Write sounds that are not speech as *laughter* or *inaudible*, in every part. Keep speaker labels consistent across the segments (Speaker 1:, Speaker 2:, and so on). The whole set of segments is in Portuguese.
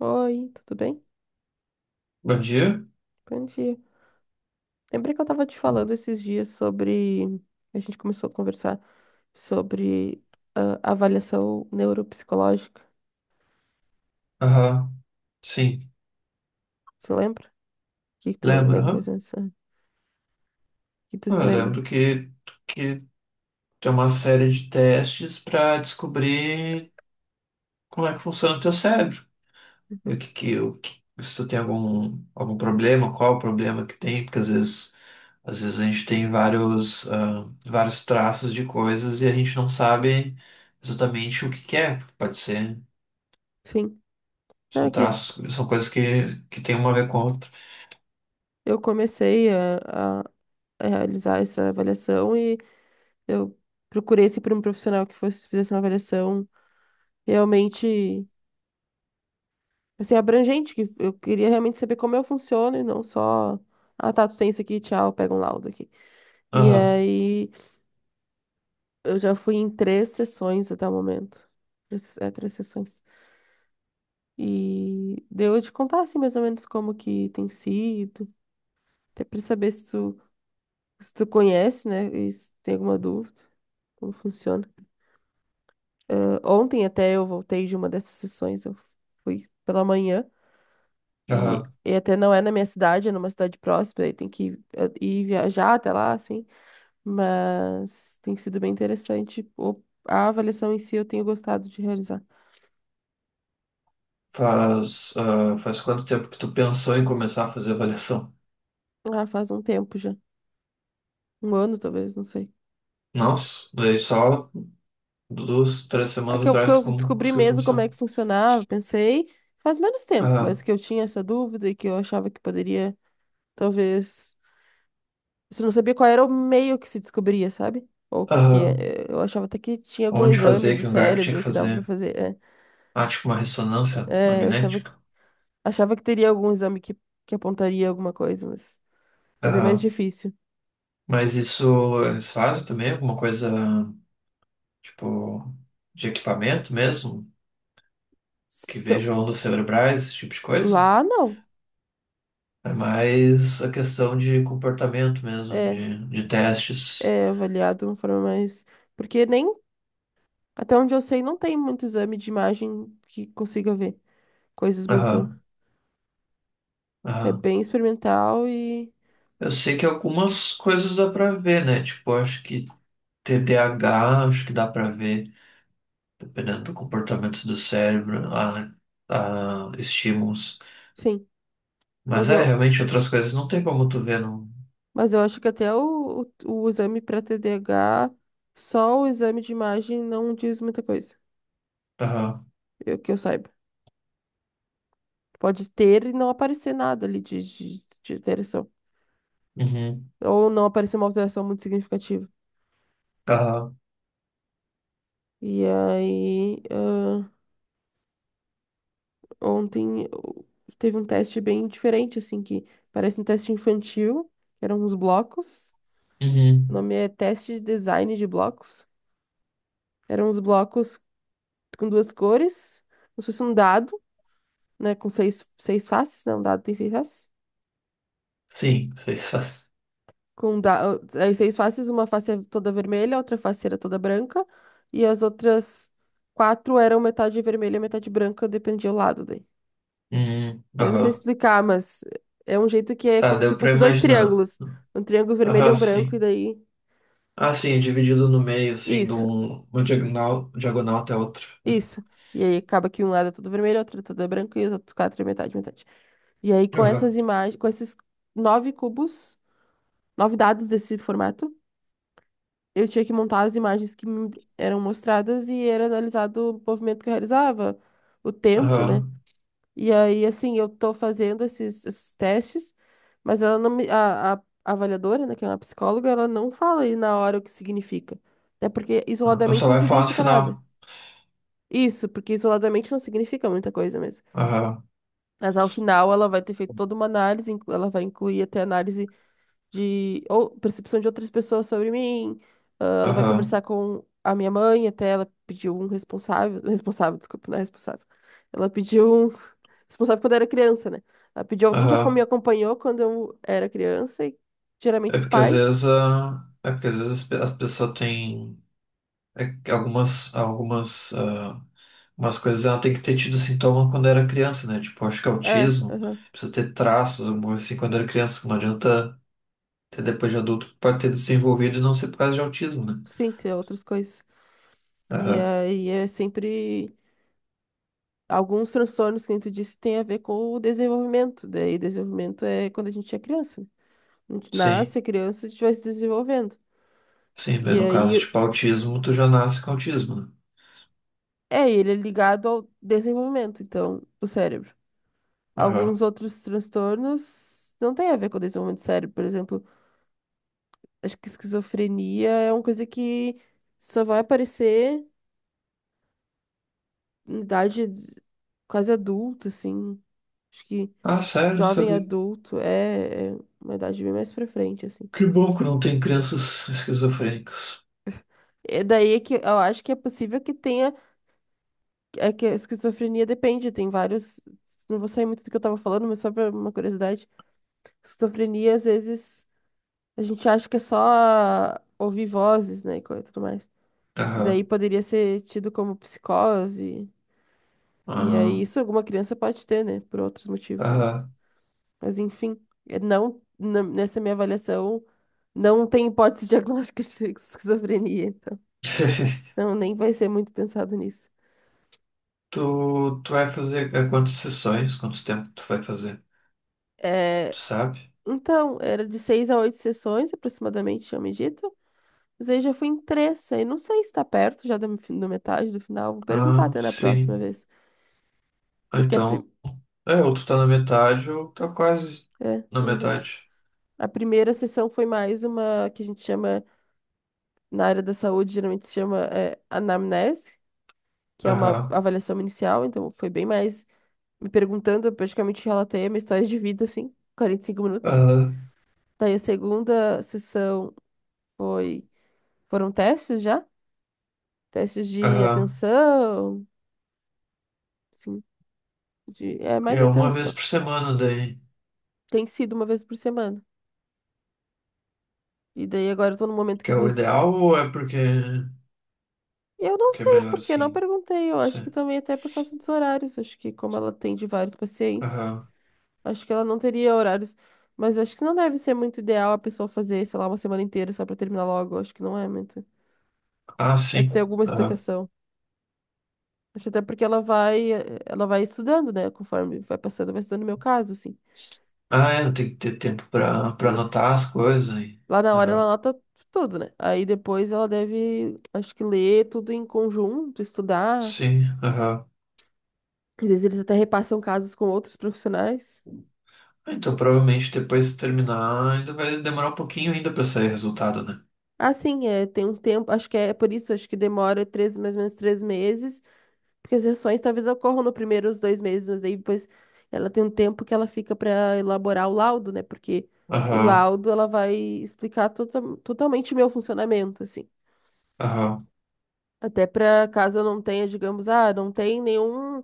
Speaker 1: Oi, tudo bem?
Speaker 2: Bom dia?
Speaker 1: Bom dia. Lembrei que eu tava te falando esses dias sobre. A gente começou a conversar sobre avaliação neuropsicológica.
Speaker 2: Aham, sim.
Speaker 1: Você lembra? O que que tu
Speaker 2: Lembro,
Speaker 1: lembra mais
Speaker 2: aham.
Speaker 1: ou menos? O que tu se
Speaker 2: Eu
Speaker 1: lembra?
Speaker 2: lembro que tem uma série de testes para descobrir como é que funciona o teu cérebro. E
Speaker 1: Uhum.
Speaker 2: o que, se tu tem algum problema, qual o problema que tem, porque às vezes a gente tem vários, vários traços de coisas e a gente não sabe exatamente que é. Pode ser,
Speaker 1: Sim. Não,
Speaker 2: são
Speaker 1: é que
Speaker 2: traços, são coisas que tem uma a ver com a outra.
Speaker 1: eu comecei a realizar essa avaliação e eu procurei sempre um profissional que fosse, fizesse uma avaliação realmente, assim, abrangente, que eu queria realmente saber como eu funciono e não só, ah, tá, tu tem isso aqui, tchau, pega um laudo aqui. E
Speaker 2: Aham,
Speaker 1: aí eu já fui em três sessões até o momento. É, três sessões. E deu de contar assim mais ou menos como que tem sido, até pra saber se tu, se tu conhece, né? E se tem alguma dúvida, como funciona. Ontem até eu voltei de uma dessas sessões, eu fui pela manhã.
Speaker 2: aham.
Speaker 1: E até não é na minha cidade, é numa cidade próxima, aí tem que ir viajar até lá, assim. Mas tem sido bem interessante. A avaliação em si eu tenho gostado de realizar.
Speaker 2: Faz, faz quanto tempo que tu pensou em começar a fazer avaliação?
Speaker 1: Ah, faz um tempo já. Um ano, talvez, não sei.
Speaker 2: Nossa, daí só duas, três
Speaker 1: É
Speaker 2: semanas
Speaker 1: que
Speaker 2: atrás
Speaker 1: eu
Speaker 2: que eu
Speaker 1: descobri
Speaker 2: consegui
Speaker 1: mesmo como
Speaker 2: começar.
Speaker 1: é que funcionava, pensei, faz menos tempo,
Speaker 2: Ah,
Speaker 1: mas que eu tinha essa dúvida e que eu achava que poderia, talvez. Você não sabia qual era o meio que se descobria, sabe? Ou que
Speaker 2: ah,
Speaker 1: é, eu achava até que tinha algum
Speaker 2: onde
Speaker 1: exame
Speaker 2: fazer,
Speaker 1: do
Speaker 2: que lugar que tinha que
Speaker 1: cérebro que dava pra
Speaker 2: fazer?
Speaker 1: fazer. É,
Speaker 2: Ah, tipo uma ressonância
Speaker 1: é, eu achava,
Speaker 2: magnética.
Speaker 1: que teria algum exame que apontaria alguma coisa, mas é bem mais
Speaker 2: Ah,
Speaker 1: difícil.
Speaker 2: mas isso eles fazem também? Alguma coisa tipo de equipamento mesmo? Que
Speaker 1: Se, eu-
Speaker 2: veja ondas cerebrais, esse tipo de coisa?
Speaker 1: Lá, não.
Speaker 2: É mais a questão de comportamento mesmo,
Speaker 1: É,
Speaker 2: de testes.
Speaker 1: é avaliado de uma forma mais. Porque nem. Até onde eu sei, não tem muito exame de imagem que consiga ver coisas muito.
Speaker 2: Aham,
Speaker 1: É
Speaker 2: aham.
Speaker 1: bem experimental e.
Speaker 2: Eu sei que algumas coisas dá pra ver, né? Tipo, acho que TDAH, acho que dá pra ver, dependendo do comportamento do cérebro, a estímulos.
Speaker 1: Sim.
Speaker 2: Mas
Speaker 1: Mas
Speaker 2: é,
Speaker 1: eu,
Speaker 2: realmente outras coisas não tem como tu ver, não.
Speaker 1: mas eu acho que até o exame para TDAH, só o exame de imagem não diz muita coisa,
Speaker 2: Aham,
Speaker 1: eu, que eu saiba. Pode ter e não aparecer nada ali de alteração.
Speaker 2: uhum,
Speaker 1: Ou não aparecer uma alteração muito significativa.
Speaker 2: aham,
Speaker 1: E aí, ah, ontem eu- teve um teste bem diferente, assim, que parece um teste infantil, que eram uns blocos. O
Speaker 2: uhum.
Speaker 1: nome é Teste de Design de Blocos. Eram uns blocos com duas cores, como se fosse um dado, né? Com seis, seis faces, não, um dado tem seis faces.
Speaker 2: Sim, sei só.
Speaker 1: Com um da... ah, aí seis faces, uma face é toda vermelha, outra face era toda branca, e as outras quatro eram metade vermelha e metade branca, dependia do lado daí.
Speaker 2: Uhum,
Speaker 1: Eu não sei
Speaker 2: aham.
Speaker 1: explicar, mas é um jeito que é
Speaker 2: Tá,
Speaker 1: como se
Speaker 2: deu pra
Speaker 1: fosse dois
Speaker 2: imaginar.
Speaker 1: triângulos. Um triângulo vermelho e
Speaker 2: Aham,
Speaker 1: um branco, e
Speaker 2: sim.
Speaker 1: daí.
Speaker 2: Ah, sim, é dividido no meio, assim, de
Speaker 1: Isso.
Speaker 2: um, uma diagonal, diagonal até outra.
Speaker 1: Isso. E aí acaba que um lado é todo vermelho, outro é todo é branco e os outros quatro é metade, metade. E aí com
Speaker 2: Aham,
Speaker 1: essas imagens, com esses nove cubos, nove dados desse formato, eu tinha que montar as imagens que me eram mostradas e era analisado o movimento que eu realizava, o tempo, né?
Speaker 2: aham.
Speaker 1: E aí, assim, eu tô fazendo esses, esses testes, mas ela não me, a avaliadora, né, que é uma psicóloga, ela não fala aí na hora o que significa. Até porque
Speaker 2: Eu
Speaker 1: isoladamente
Speaker 2: só
Speaker 1: não
Speaker 2: vai falar no
Speaker 1: significa nada.
Speaker 2: final.
Speaker 1: Isso, porque isoladamente não significa muita coisa mesmo.
Speaker 2: Aham,
Speaker 1: Mas ao final ela vai ter feito toda uma análise, ela vai incluir até análise de ou percepção de outras pessoas sobre mim. Ah, ela vai conversar
Speaker 2: aham.
Speaker 1: com a minha mãe, até ela pediu um responsável, responsável, desculpa, não é responsável. Ela pediu um *laughs* responsável quando eu era criança, né? Ela pediu alguém que me
Speaker 2: Aham.
Speaker 1: acompanhou quando eu era criança, e geralmente
Speaker 2: É
Speaker 1: os
Speaker 2: porque
Speaker 1: pais.
Speaker 2: é porque às vezes a pessoa tem é que algumas, ah, umas coisas ela tem que ter tido sintoma quando era criança, né? Tipo, acho que é
Speaker 1: É,
Speaker 2: autismo
Speaker 1: aham.
Speaker 2: precisa ter traços, alguma coisa assim, quando era criança. Que Não adianta ter depois de adulto, pode ter desenvolvido e não ser por causa de autismo, né?
Speaker 1: Sim, tem outras coisas. E
Speaker 2: Aham.
Speaker 1: aí é sempre. Alguns transtornos que a gente disse tem a ver com o desenvolvimento. Daí, desenvolvimento é quando a gente é criança, né? A gente
Speaker 2: Sim,
Speaker 1: nasce, é criança, a gente vai se desenvolvendo. E
Speaker 2: No caso,
Speaker 1: aí,
Speaker 2: tipo, autismo, tu já nasce com autismo, né?
Speaker 1: é, ele é ligado ao desenvolvimento, então, do cérebro.
Speaker 2: Aham.
Speaker 1: Alguns outros transtornos não têm a ver com o desenvolvimento do cérebro. Por exemplo, acho que esquizofrenia é uma coisa que só vai aparecer em idade quase adulta, assim. Acho que
Speaker 2: Ah, sério,
Speaker 1: jovem
Speaker 2: sabe?
Speaker 1: adulto é uma idade bem mais pra frente, assim.
Speaker 2: Que bom que não tem crianças esquizofrênicas.
Speaker 1: É daí é que eu acho que é possível que tenha. É que a esquizofrenia depende, tem vários. Não vou sair muito do que eu tava falando, mas só pra uma curiosidade. Esquizofrenia, às vezes, a gente acha que é só ouvir vozes, né, e coisa e tudo mais. E daí
Speaker 2: Aham.
Speaker 1: poderia ser tido como psicose. E aí,
Speaker 2: Ah,
Speaker 1: isso alguma criança pode ter, né, por outros motivos.
Speaker 2: aham.
Speaker 1: Mas enfim, é não, nessa minha avaliação, não tem hipótese *laughs* diagnóstica de esquizofrenia, então.
Speaker 2: *laughs*
Speaker 1: Então, nem vai ser muito pensado nisso.
Speaker 2: Tu, tu vai fazer há quantas sessões? Quanto tempo tu vai fazer?
Speaker 1: É,
Speaker 2: Tu sabe?
Speaker 1: então, era de seis a oito sessões, aproximadamente, tinha me dito. Mas aí já fui em três, aí não sei se tá perto já da metade do final. Vou perguntar
Speaker 2: Ah,
Speaker 1: até na próxima
Speaker 2: sim.
Speaker 1: vez. Porque
Speaker 2: Então, é, ou tu tá na metade ou tá quase
Speaker 1: é,
Speaker 2: na
Speaker 1: na verdade.
Speaker 2: metade.
Speaker 1: A primeira sessão foi mais uma que a gente chama, na área da saúde, geralmente se chama anamnese, que é uma
Speaker 2: Aham.
Speaker 1: avaliação inicial. Então, foi bem mais me perguntando, eu praticamente relatei a minha história de vida, assim, 45 minutos.
Speaker 2: Aham.
Speaker 1: Daí a segunda sessão foi, foram testes já, testes de
Speaker 2: Aham.
Speaker 1: atenção. Sim, de, é mais
Speaker 2: É
Speaker 1: de
Speaker 2: uma vez
Speaker 1: atenção.
Speaker 2: por semana daí.
Speaker 1: Tem sido uma vez por semana. E daí agora eu tô no momento que
Speaker 2: Que
Speaker 1: eu
Speaker 2: é
Speaker 1: vou.
Speaker 2: o ideal ou
Speaker 1: Eu não
Speaker 2: porque é
Speaker 1: sei
Speaker 2: melhor
Speaker 1: porque eu não
Speaker 2: assim?
Speaker 1: perguntei. Eu
Speaker 2: Não
Speaker 1: acho que
Speaker 2: sei.
Speaker 1: também até por causa dos horários. Acho que como ela atende vários pacientes,
Speaker 2: Aham.
Speaker 1: acho que ela não teria horários. Mas acho que não deve ser muito ideal a pessoa fazer, sei lá, uma semana inteira só pra terminar logo. Acho que não é muito.
Speaker 2: Ah, sim.
Speaker 1: Deve ter alguma
Speaker 2: Aham.
Speaker 1: explicação. Acho até porque ela vai, ela vai estudando, né? Conforme vai passando, vai estudando o meu caso, assim.
Speaker 2: Ah, é, tem que ter tempo pra
Speaker 1: Isso.
Speaker 2: anotar as coisas aí.
Speaker 1: Lá na hora ela
Speaker 2: Aham.
Speaker 1: anota tudo, né? Aí depois ela deve, acho que ler tudo em conjunto, estudar.
Speaker 2: Sim. Aham.
Speaker 1: Às vezes eles até repassam casos com outros profissionais.
Speaker 2: Então, provavelmente depois de terminar, ainda vai demorar um pouquinho ainda pra sair resultado, né?
Speaker 1: Ah, sim, é, tem um tempo, acho que é por isso, acho que demora três, mais ou menos 3 meses, porque as sessões talvez ocorram no primeiro os 2 meses, mas aí depois ela tem um tempo que ela fica para elaborar o laudo, né? Porque o
Speaker 2: Aham,
Speaker 1: laudo ela vai explicar totalmente o meu funcionamento, assim.
Speaker 2: aham,
Speaker 1: Até para caso eu não tenha, digamos, ah, não tem nenhum.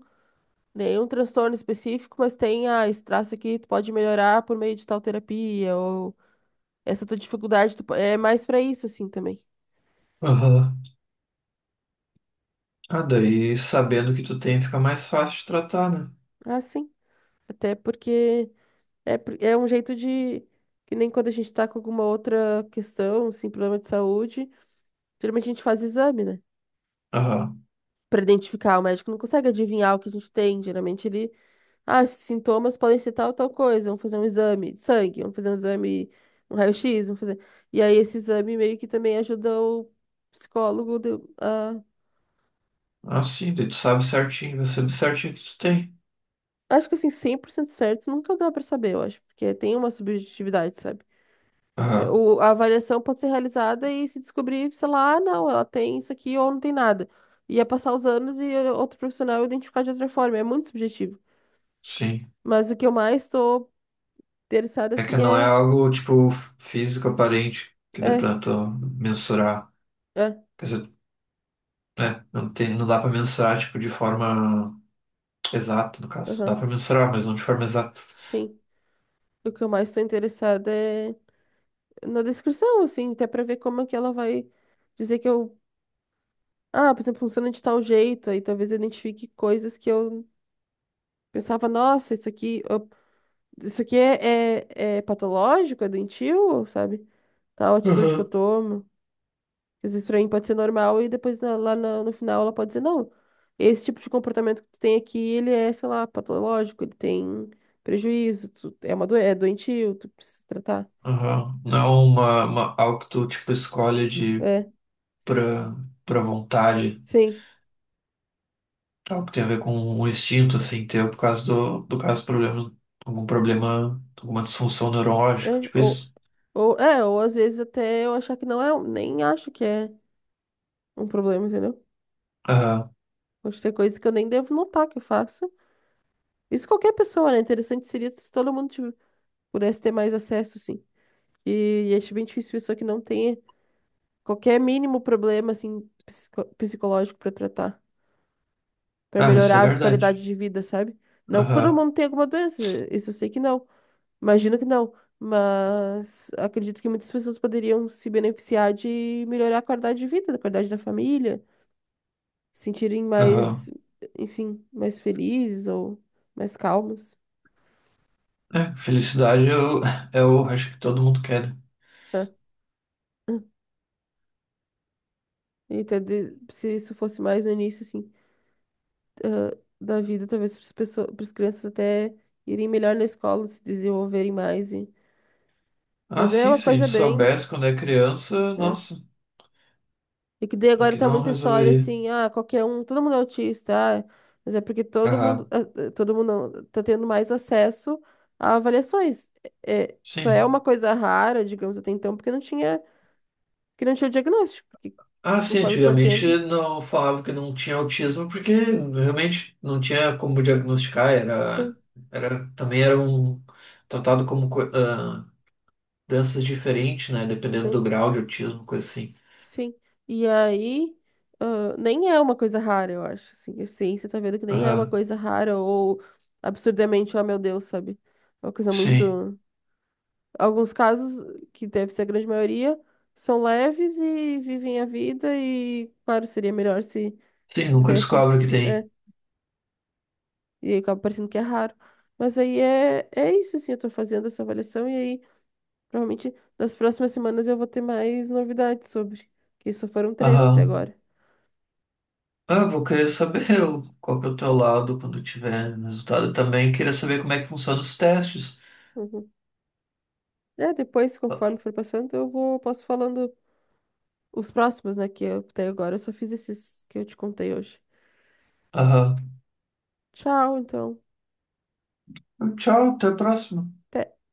Speaker 1: Nenhum transtorno específico, mas tem ah, esse traço aqui, tu pode melhorar por meio de tal terapia, ou essa tua dificuldade tu é mais pra isso, assim, também.
Speaker 2: aham. Ah, daí sabendo que tu tem, fica mais fácil de tratar, né?
Speaker 1: Ah, sim. Até porque é, é um jeito de. Que nem quando a gente tá com alguma outra questão, assim, problema de saúde, geralmente a gente faz exame, né?
Speaker 2: Aham.
Speaker 1: Pra identificar, o médico não consegue adivinhar o que a gente tem, geralmente ele. Ah, esses sintomas podem ser tal, tal coisa. Vamos fazer um exame de sangue, vamos fazer um exame, um raio-x, vamos fazer. E aí esse exame meio que também ajuda o psicólogo a.
Speaker 2: Ah, sim, daí tu sabe certinho, você sabe certinho o que tu tem.
Speaker 1: Acho que assim, 100% certo nunca dá pra saber, eu acho, porque tem uma subjetividade, sabe? É,
Speaker 2: Aham,
Speaker 1: A avaliação pode ser realizada e se descobrir, sei lá, ah, não, ela tem isso aqui ou não tem nada. Ia passar os anos e outro profissional identificar de outra forma. É muito subjetivo.
Speaker 2: sim.
Speaker 1: Mas o que eu mais tô interessada,
Speaker 2: É que
Speaker 1: assim,
Speaker 2: não é
Speaker 1: é.
Speaker 2: algo, tipo, físico aparente, que dá
Speaker 1: É,
Speaker 2: pra tu mensurar.
Speaker 1: é,
Speaker 2: Quer dizer, né? Não tem, não dá pra mensurar, tipo, de forma exata, no caso. Dá
Speaker 1: aham,
Speaker 2: pra mensurar, mas não de forma exata.
Speaker 1: sim. O que eu mais estou interessada é na descrição, assim, até pra ver como é que ela vai dizer que eu. Ah, por exemplo, funciona de tal jeito, aí talvez eu identifique coisas que eu pensava, nossa, isso aqui, isso aqui é, é, é patológico, é doentio, sabe? Tal atitude que eu
Speaker 2: Aham.
Speaker 1: tomo. Às vezes pra mim pode ser normal e depois, lá, no final ela pode dizer, não, esse tipo de comportamento que tu tem aqui, ele é, sei lá, patológico, ele tem prejuízo, tu, é uma é doentio, tu precisa tratar.
Speaker 2: Aham. Não é algo que tu, tipo, escolhe de
Speaker 1: É,
Speaker 2: pra, pra vontade.
Speaker 1: sim.
Speaker 2: Tá? Algo que tem a ver com um instinto, assim, teu, por causa do caso, problema, algum problema, alguma disfunção
Speaker 1: É,
Speaker 2: neurológica, tipo isso.
Speaker 1: ou, é, ou às vezes até eu achar que não é, nem acho que é um problema, entendeu?
Speaker 2: Aham.
Speaker 1: Pode ter coisas que eu nem devo notar que eu faço. Isso qualquer pessoa, né? Interessante seria se todo mundo pudesse ter mais acesso, assim. E acho bem difícil pessoa que não tenha qualquer mínimo problema, assim, psicológico pra tratar, pra
Speaker 2: Ah, isso é
Speaker 1: melhorar a qualidade
Speaker 2: verdade.
Speaker 1: de vida, sabe? Não que todo
Speaker 2: Aham.
Speaker 1: mundo tenha alguma doença, isso eu sei que não. Imagino que não, mas acredito que muitas pessoas poderiam se beneficiar de melhorar a qualidade de vida, a qualidade da família, se sentirem mais,
Speaker 2: Aham.
Speaker 1: enfim, mais felizes ou mais calmas,
Speaker 2: É, felicidade eu, *laughs* eu acho que todo mundo quer. Né?
Speaker 1: né? E ter se isso fosse mais no início, assim, ah, da vida, talvez para as pessoas, para as crianças até irem melhor na escola, se desenvolverem mais. E...
Speaker 2: Ah,
Speaker 1: Mas é
Speaker 2: sim,
Speaker 1: uma
Speaker 2: se a gente
Speaker 1: coisa bem,
Speaker 2: soubesse quando é criança,
Speaker 1: né?
Speaker 2: nossa,
Speaker 1: E que daí
Speaker 2: o
Speaker 1: agora
Speaker 2: que
Speaker 1: tá
Speaker 2: não
Speaker 1: muita história
Speaker 2: resolveria.
Speaker 1: assim, ah, qualquer um, todo mundo é autista, ah, mas é porque todo mundo,
Speaker 2: Aham.
Speaker 1: ah, ah, todo mundo não, tá tendo mais acesso a avaliações. É, é, só é
Speaker 2: Sim.
Speaker 1: uma coisa rara, digamos, até então, porque não tinha o diagnóstico, porque
Speaker 2: Ah, sim,
Speaker 1: conforme for
Speaker 2: antigamente
Speaker 1: tendo,
Speaker 2: não falava que não tinha autismo porque realmente não tinha como diagnosticar,
Speaker 1: sim,
Speaker 2: era também era um tratado como co- ah, doenças diferentes, né, dependendo do
Speaker 1: sim,
Speaker 2: grau de autismo, coisa assim.
Speaker 1: sim. E aí, ah, nem é uma coisa rara, eu acho, assim, a ciência tá vendo que nem é uma
Speaker 2: Aham,
Speaker 1: coisa rara ou absurdamente, oh meu Deus, sabe? É uma coisa
Speaker 2: sim.
Speaker 1: muito. Alguns casos, que deve ser a grande maioria, são leves e vivem a vida e, claro, seria melhor se
Speaker 2: Sim, nunca
Speaker 1: tivesse,
Speaker 2: descobre que tem.
Speaker 1: é, e acaba parecendo que é raro. Mas aí é, é isso, assim, eu tô fazendo essa avaliação e aí, provavelmente, nas próximas semanas eu vou ter mais novidades sobre, que só foram três até
Speaker 2: Aham.
Speaker 1: agora.
Speaker 2: Ah, vou querer saber *laughs* o- qual que é o teu lado quando tiver resultado. Eu também queria saber como é que funcionam os testes.
Speaker 1: Uhum. É, depois, conforme
Speaker 2: Ah,
Speaker 1: for passando, eu vou, posso falando os próximos, né, que eu até agora eu só fiz esses que eu te contei hoje.
Speaker 2: Aham.
Speaker 1: Tchau, então.
Speaker 2: Tchau, até a próxima.
Speaker 1: Até